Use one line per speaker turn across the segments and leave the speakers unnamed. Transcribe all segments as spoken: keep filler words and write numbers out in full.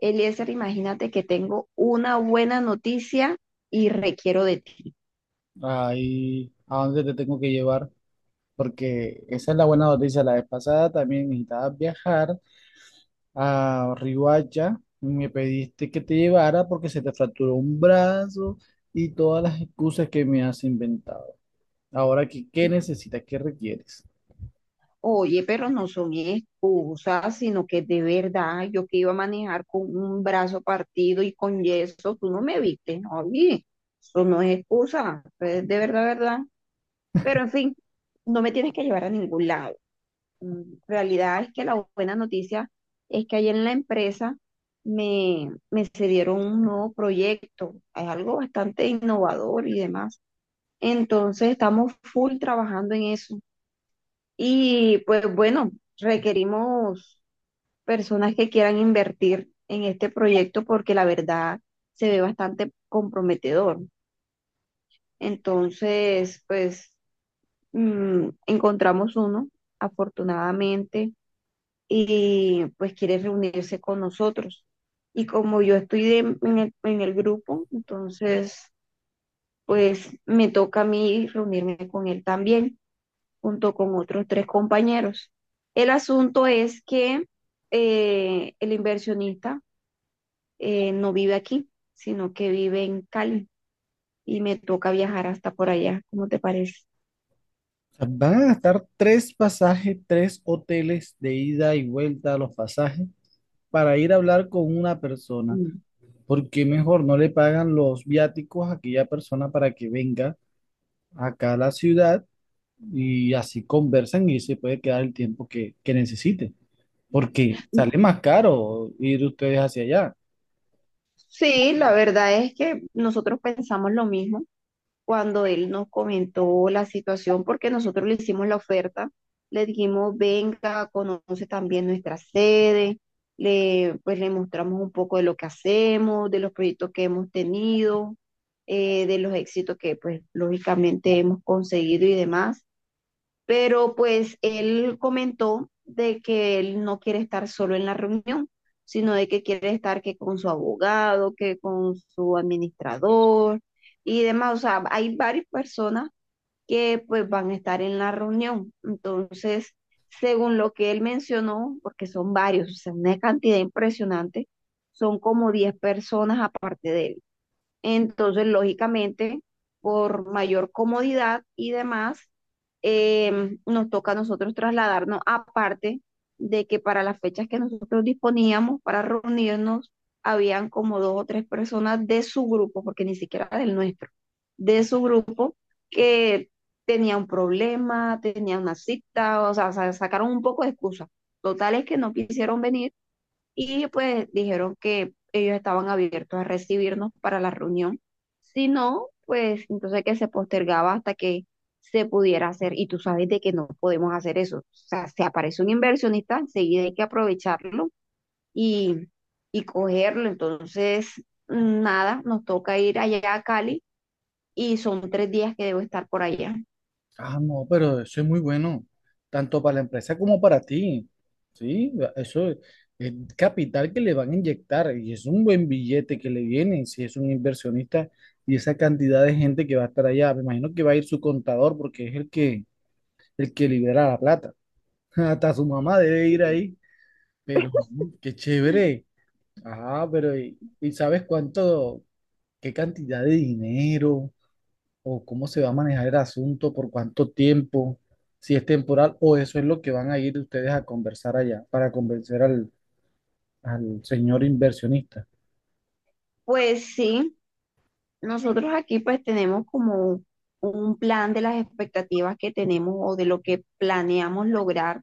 Eliezer, imagínate que tengo una buena noticia y requiero de ti.
Ahí a dónde te tengo que llevar, porque esa es la buena noticia. La vez pasada también necesitabas viajar a Riohacha y me pediste que te llevara porque se te fracturó un brazo y todas las excusas que me has inventado. Ahora, ¿qué, qué necesitas? ¿Qué requieres?
Oye, pero no son excusas, sino que de verdad yo que iba a manejar con un brazo partido y con yeso, tú no me viste, ¿no? Oye, eso no es excusa, es de verdad, verdad. Pero en fin, no me tienes que llevar a ningún lado. Mm, Realidad es que la buena noticia es que ayer en la empresa me, me cedieron un nuevo proyecto. Es algo bastante innovador y demás. Entonces estamos full trabajando en eso. Y pues bueno, requerimos personas que quieran invertir en este proyecto porque la verdad se ve bastante comprometedor. Entonces, pues mm, encontramos uno, afortunadamente, y pues quiere reunirse con nosotros. Y como yo estoy de- en el, en el grupo, entonces, pues me toca a mí reunirme con él también, junto con otros tres compañeros. El asunto es que eh, el inversionista eh, no vive aquí, sino que vive en Cali y me toca viajar hasta por allá. ¿Cómo te parece?
O sea, van a gastar tres pasajes, tres hoteles de ida y vuelta a los pasajes para ir a hablar con una persona.
Mm.
Porque mejor no le pagan los viáticos a aquella persona para que venga acá a la ciudad y así conversan y se puede quedar el tiempo que que necesite, porque sale más caro ir ustedes hacia allá?
Sí, la verdad es que nosotros pensamos lo mismo cuando él nos comentó la situación, porque nosotros le hicimos la oferta, le dijimos, venga, conoce también nuestra sede, le, pues le mostramos un poco de lo que hacemos, de los proyectos que hemos tenido, eh, de los éxitos que pues lógicamente hemos conseguido y demás, pero pues él comentó de que él no quiere estar solo en la reunión, sino de que quiere estar que con su abogado, que con su administrador y demás. O sea, hay varias personas que pues van a estar en la reunión. Entonces, según lo que él mencionó, porque son varios, o sea, una cantidad impresionante, son como diez personas aparte de él. Entonces, lógicamente, por mayor comodidad y demás, em, nos toca a nosotros trasladarnos, aparte de que para las fechas que nosotros disponíamos para reunirnos, habían como dos o tres personas de su grupo, porque ni siquiera del nuestro, de su grupo que tenía un problema, tenía una cita, o sea, sa- sacaron un poco de excusa. Totales que no quisieron venir y pues dijeron que ellos estaban abiertos a recibirnos para la reunión. Si no, pues entonces que se postergaba hasta que se pudiera hacer. Y tú sabes de que no podemos hacer eso. O sea, se aparece un inversionista, enseguida hay que aprovecharlo y, y cogerlo. Entonces, nada, nos toca ir allá a Cali y son tres días que debo estar por allá.
Ah, no, pero eso es muy bueno, tanto para la empresa como para ti, ¿sí? Eso es es capital que le van a inyectar y es un buen billete que le viene, si es un inversionista y esa cantidad de gente que va a estar allá. Me imagino que va a ir su contador, porque es el que, el que libera la plata. Hasta su mamá debe ir ahí, pero no, qué chévere. Ah, pero ¿y, y sabes cuánto, qué cantidad de dinero o cómo se va a manejar el asunto, por cuánto tiempo, si es temporal, o eso es lo que van a ir ustedes a conversar allá para convencer al, al señor inversionista?
Pues sí, nosotros aquí pues tenemos como un plan de las expectativas que tenemos o de lo que planeamos lograr.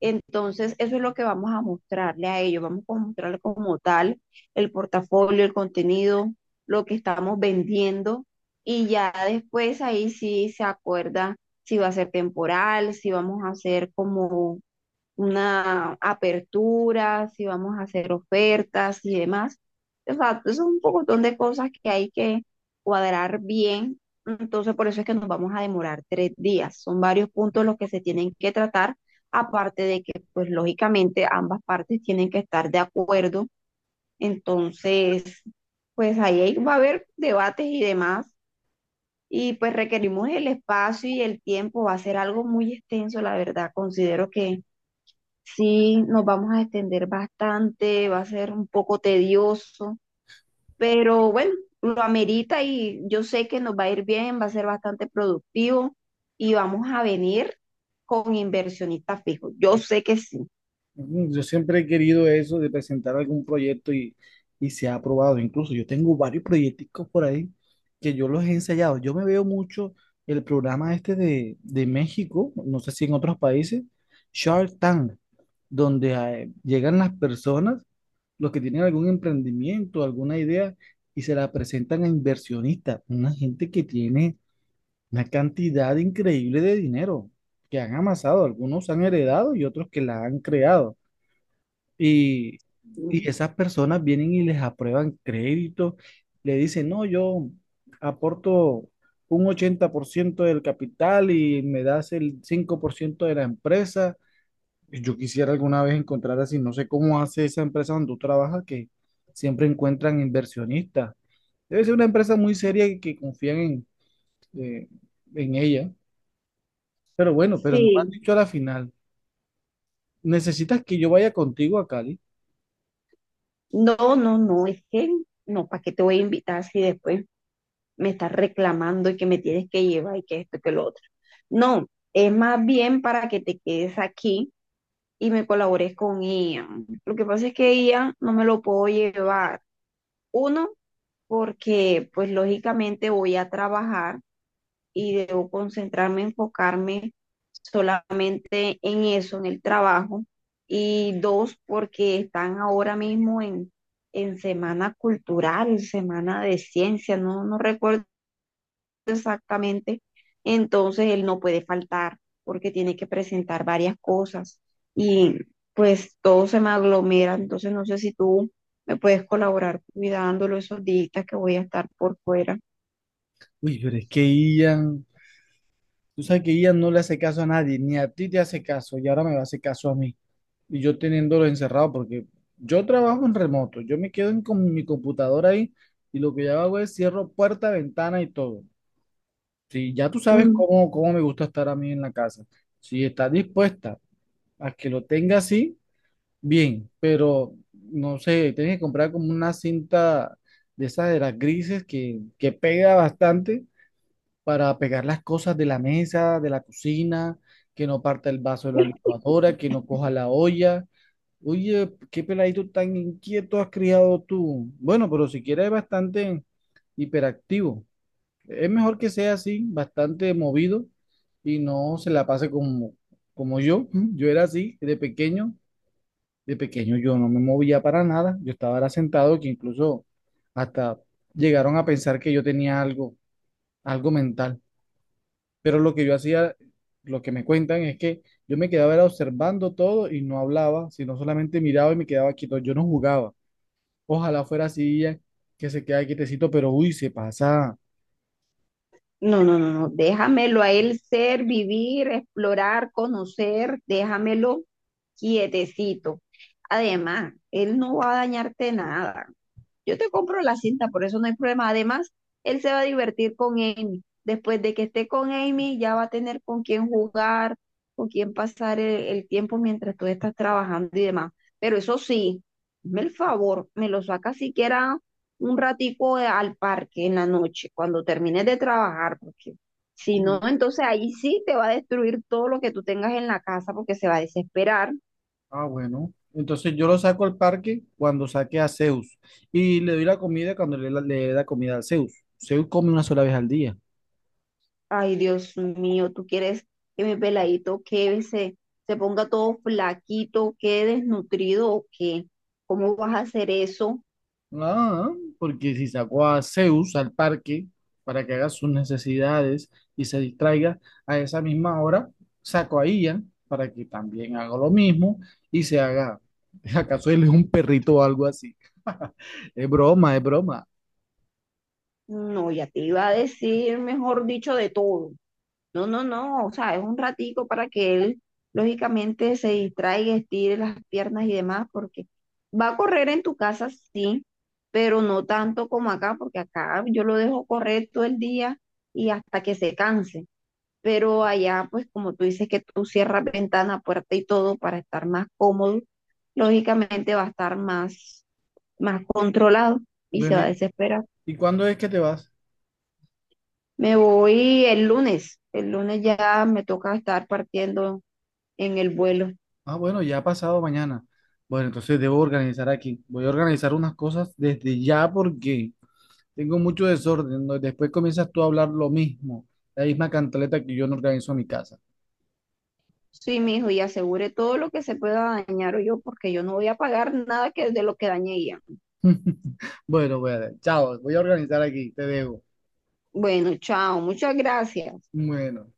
Entonces, eso es lo que vamos a mostrarle a ellos. Vamos a mostrarle como tal el portafolio, el contenido, lo que estamos vendiendo y ya después ahí sí se acuerda si va a ser temporal, si vamos a hacer como una apertura, si vamos a hacer ofertas y demás. O sea, es un pocotón de cosas que hay que cuadrar bien. Entonces, por eso es que nos vamos a demorar tres días. Son varios puntos los que se tienen que tratar, aparte de que, pues, lógicamente ambas partes tienen que estar de acuerdo. Entonces, pues ahí hay- va a haber debates y demás. Y pues requerimos el espacio y el tiempo. Va a ser algo muy extenso, la verdad. Considero que sí, nos vamos a extender bastante, va a ser un poco tedioso, pero bueno, lo amerita y yo sé que nos va a ir bien, va a ser bastante productivo y vamos a venir con inversionistas fijos. Yo sé que sí.
Mm, Yo siempre he querido eso de presentar algún proyecto y, y se ha aprobado. Incluso yo tengo varios proyecticos por ahí que yo los he ensayado. Yo me veo mucho el programa este de, de México, no sé si en otros países, Shark Tank. Donde eh, llegan las personas, los que tienen algún emprendimiento, alguna idea, y se la presentan a inversionistas, una gente que tiene una cantidad increíble de dinero que han amasado, algunos han heredado y otros que la han creado. Y, y esas personas vienen y les aprueban crédito, le dicen: no, yo aporto un ochenta por ciento del capital y me das el cinco por ciento de la empresa. Yo quisiera alguna vez encontrar así, no sé cómo hace esa empresa donde tú trabajas, que siempre encuentran inversionistas. Debe ser una empresa muy seria y que confían en, eh, en ella. Pero bueno, pero no me has
Sí.
dicho a la final. ¿Necesitas que yo vaya contigo a Cali?
No, no, no, es que no, ¿para qué te voy a invitar si después me estás reclamando y que me tienes que llevar y que esto y que lo otro? No, es más bien para que te quedes aquí y me colaboré con Ian. Lo que pasa es que Ian no me lo puedo llevar. Uno, porque pues lógicamente voy a trabajar y debo concentrarme, enfocarme solamente en eso, en el trabajo. Y dos, porque están ahora mismo en, en semana cultural, semana de ciencia, no, no recuerdo exactamente, entonces él no puede faltar porque tiene que presentar varias cosas y pues todo se me aglomera, entonces no sé si tú me puedes colaborar cuidándolo esos días que voy a estar por fuera.
Uy, pero es que Ian, tú sabes que Ian no le hace caso a nadie, ni a ti te hace caso, y ahora me va a hacer caso a mí. Y yo teniéndolo encerrado, porque yo trabajo en remoto, yo me quedo en, con mi computadora ahí, y lo que yo hago es cierro puerta, ventana y todo. Sí, ya tú sabes
Mm.
cómo, cómo me gusta estar a mí en la casa. Si estás dispuesta a que lo tenga así, bien, pero no sé, tienes que comprar como una cinta de esas de las grises que que pega bastante para pegar las cosas de la mesa, de la cocina, que no parta el vaso de la licuadora, que no coja la olla. Oye, qué peladito tan inquieto has criado tú. Bueno, pero si quieres es bastante hiperactivo. Es mejor que sea así, bastante movido y no se la pase como, como yo. Yo era así de pequeño. De pequeño yo no me movía para nada. Yo estaba era sentado, que incluso hasta llegaron a pensar que yo tenía algo, algo mental. Pero lo que yo hacía, lo que me cuentan, es que yo me quedaba era observando todo y no hablaba, sino solamente miraba y me quedaba quieto. Yo no jugaba. Ojalá fuera así ya, que se quede quietecito, pero uy, se pasa.
No, no, no, no, déjamelo a él ser, vivir, explorar, conocer, déjamelo quietecito. Además, él no va a dañarte nada. Yo te compro la cinta, por eso no hay problema. Además, él se va a divertir con Amy. Después de que esté con Amy, ya va a tener con quién jugar, con quién pasar el, el tiempo mientras tú estás trabajando y demás. Pero eso sí, hazme el favor, me lo saca siquiera un ratico de- al parque en la noche, cuando termines de trabajar, porque si no, entonces ahí sí te va a destruir todo lo que tú tengas en la casa porque se va a desesperar.
Ah, bueno. Entonces yo lo saco al parque cuando saque a Zeus y le doy la comida cuando le, la- le dé la comida a Zeus. Zeus come una sola vez al día.
Ay, Dios mío, ¿tú quieres que mi peladito que se, se ponga todo flaquito, quede desnutrido o qué? ¿Cómo vas a hacer eso?
Ah, porque si saco a Zeus al parque para que haga sus necesidades y se distraiga a esa misma hora, saco a Ian para que también haga lo mismo y se haga, ¿acaso él es un perrito o algo así? Es broma, es broma.
No, ya te iba a decir, mejor dicho, de todo. No, no, no, o sea, es un ratico para que él lógicamente se distraiga, estire las piernas y demás, porque va a correr en tu casa, sí, pero no tanto como acá, porque acá yo lo dejo correr todo el día y hasta que se canse. Pero allá, pues como tú dices que tú cierras ventana, puerta y todo para estar más cómodo, lógicamente va a estar más, más controlado y se
Bueno,
va a
¿y,
desesperar.
y cuándo es que te vas?
Me voy el lunes, el lunes ya me toca estar partiendo en el vuelo.
Ah, bueno, ya ha pasado mañana. Bueno, entonces debo organizar aquí. Voy a organizar unas cosas desde ya, porque tengo mucho desorden, ¿no? Después comienzas tú a hablar lo mismo, la misma cantaleta que yo no organizo en mi casa.
Sí, mijo, y asegure todo lo que se pueda dañar o yo, porque yo no voy a pagar nada que de lo que dañé ella.
Bueno, bueno, chao, voy a organizar aquí, te dejo.
Bueno, chao, muchas gracias.
Bueno.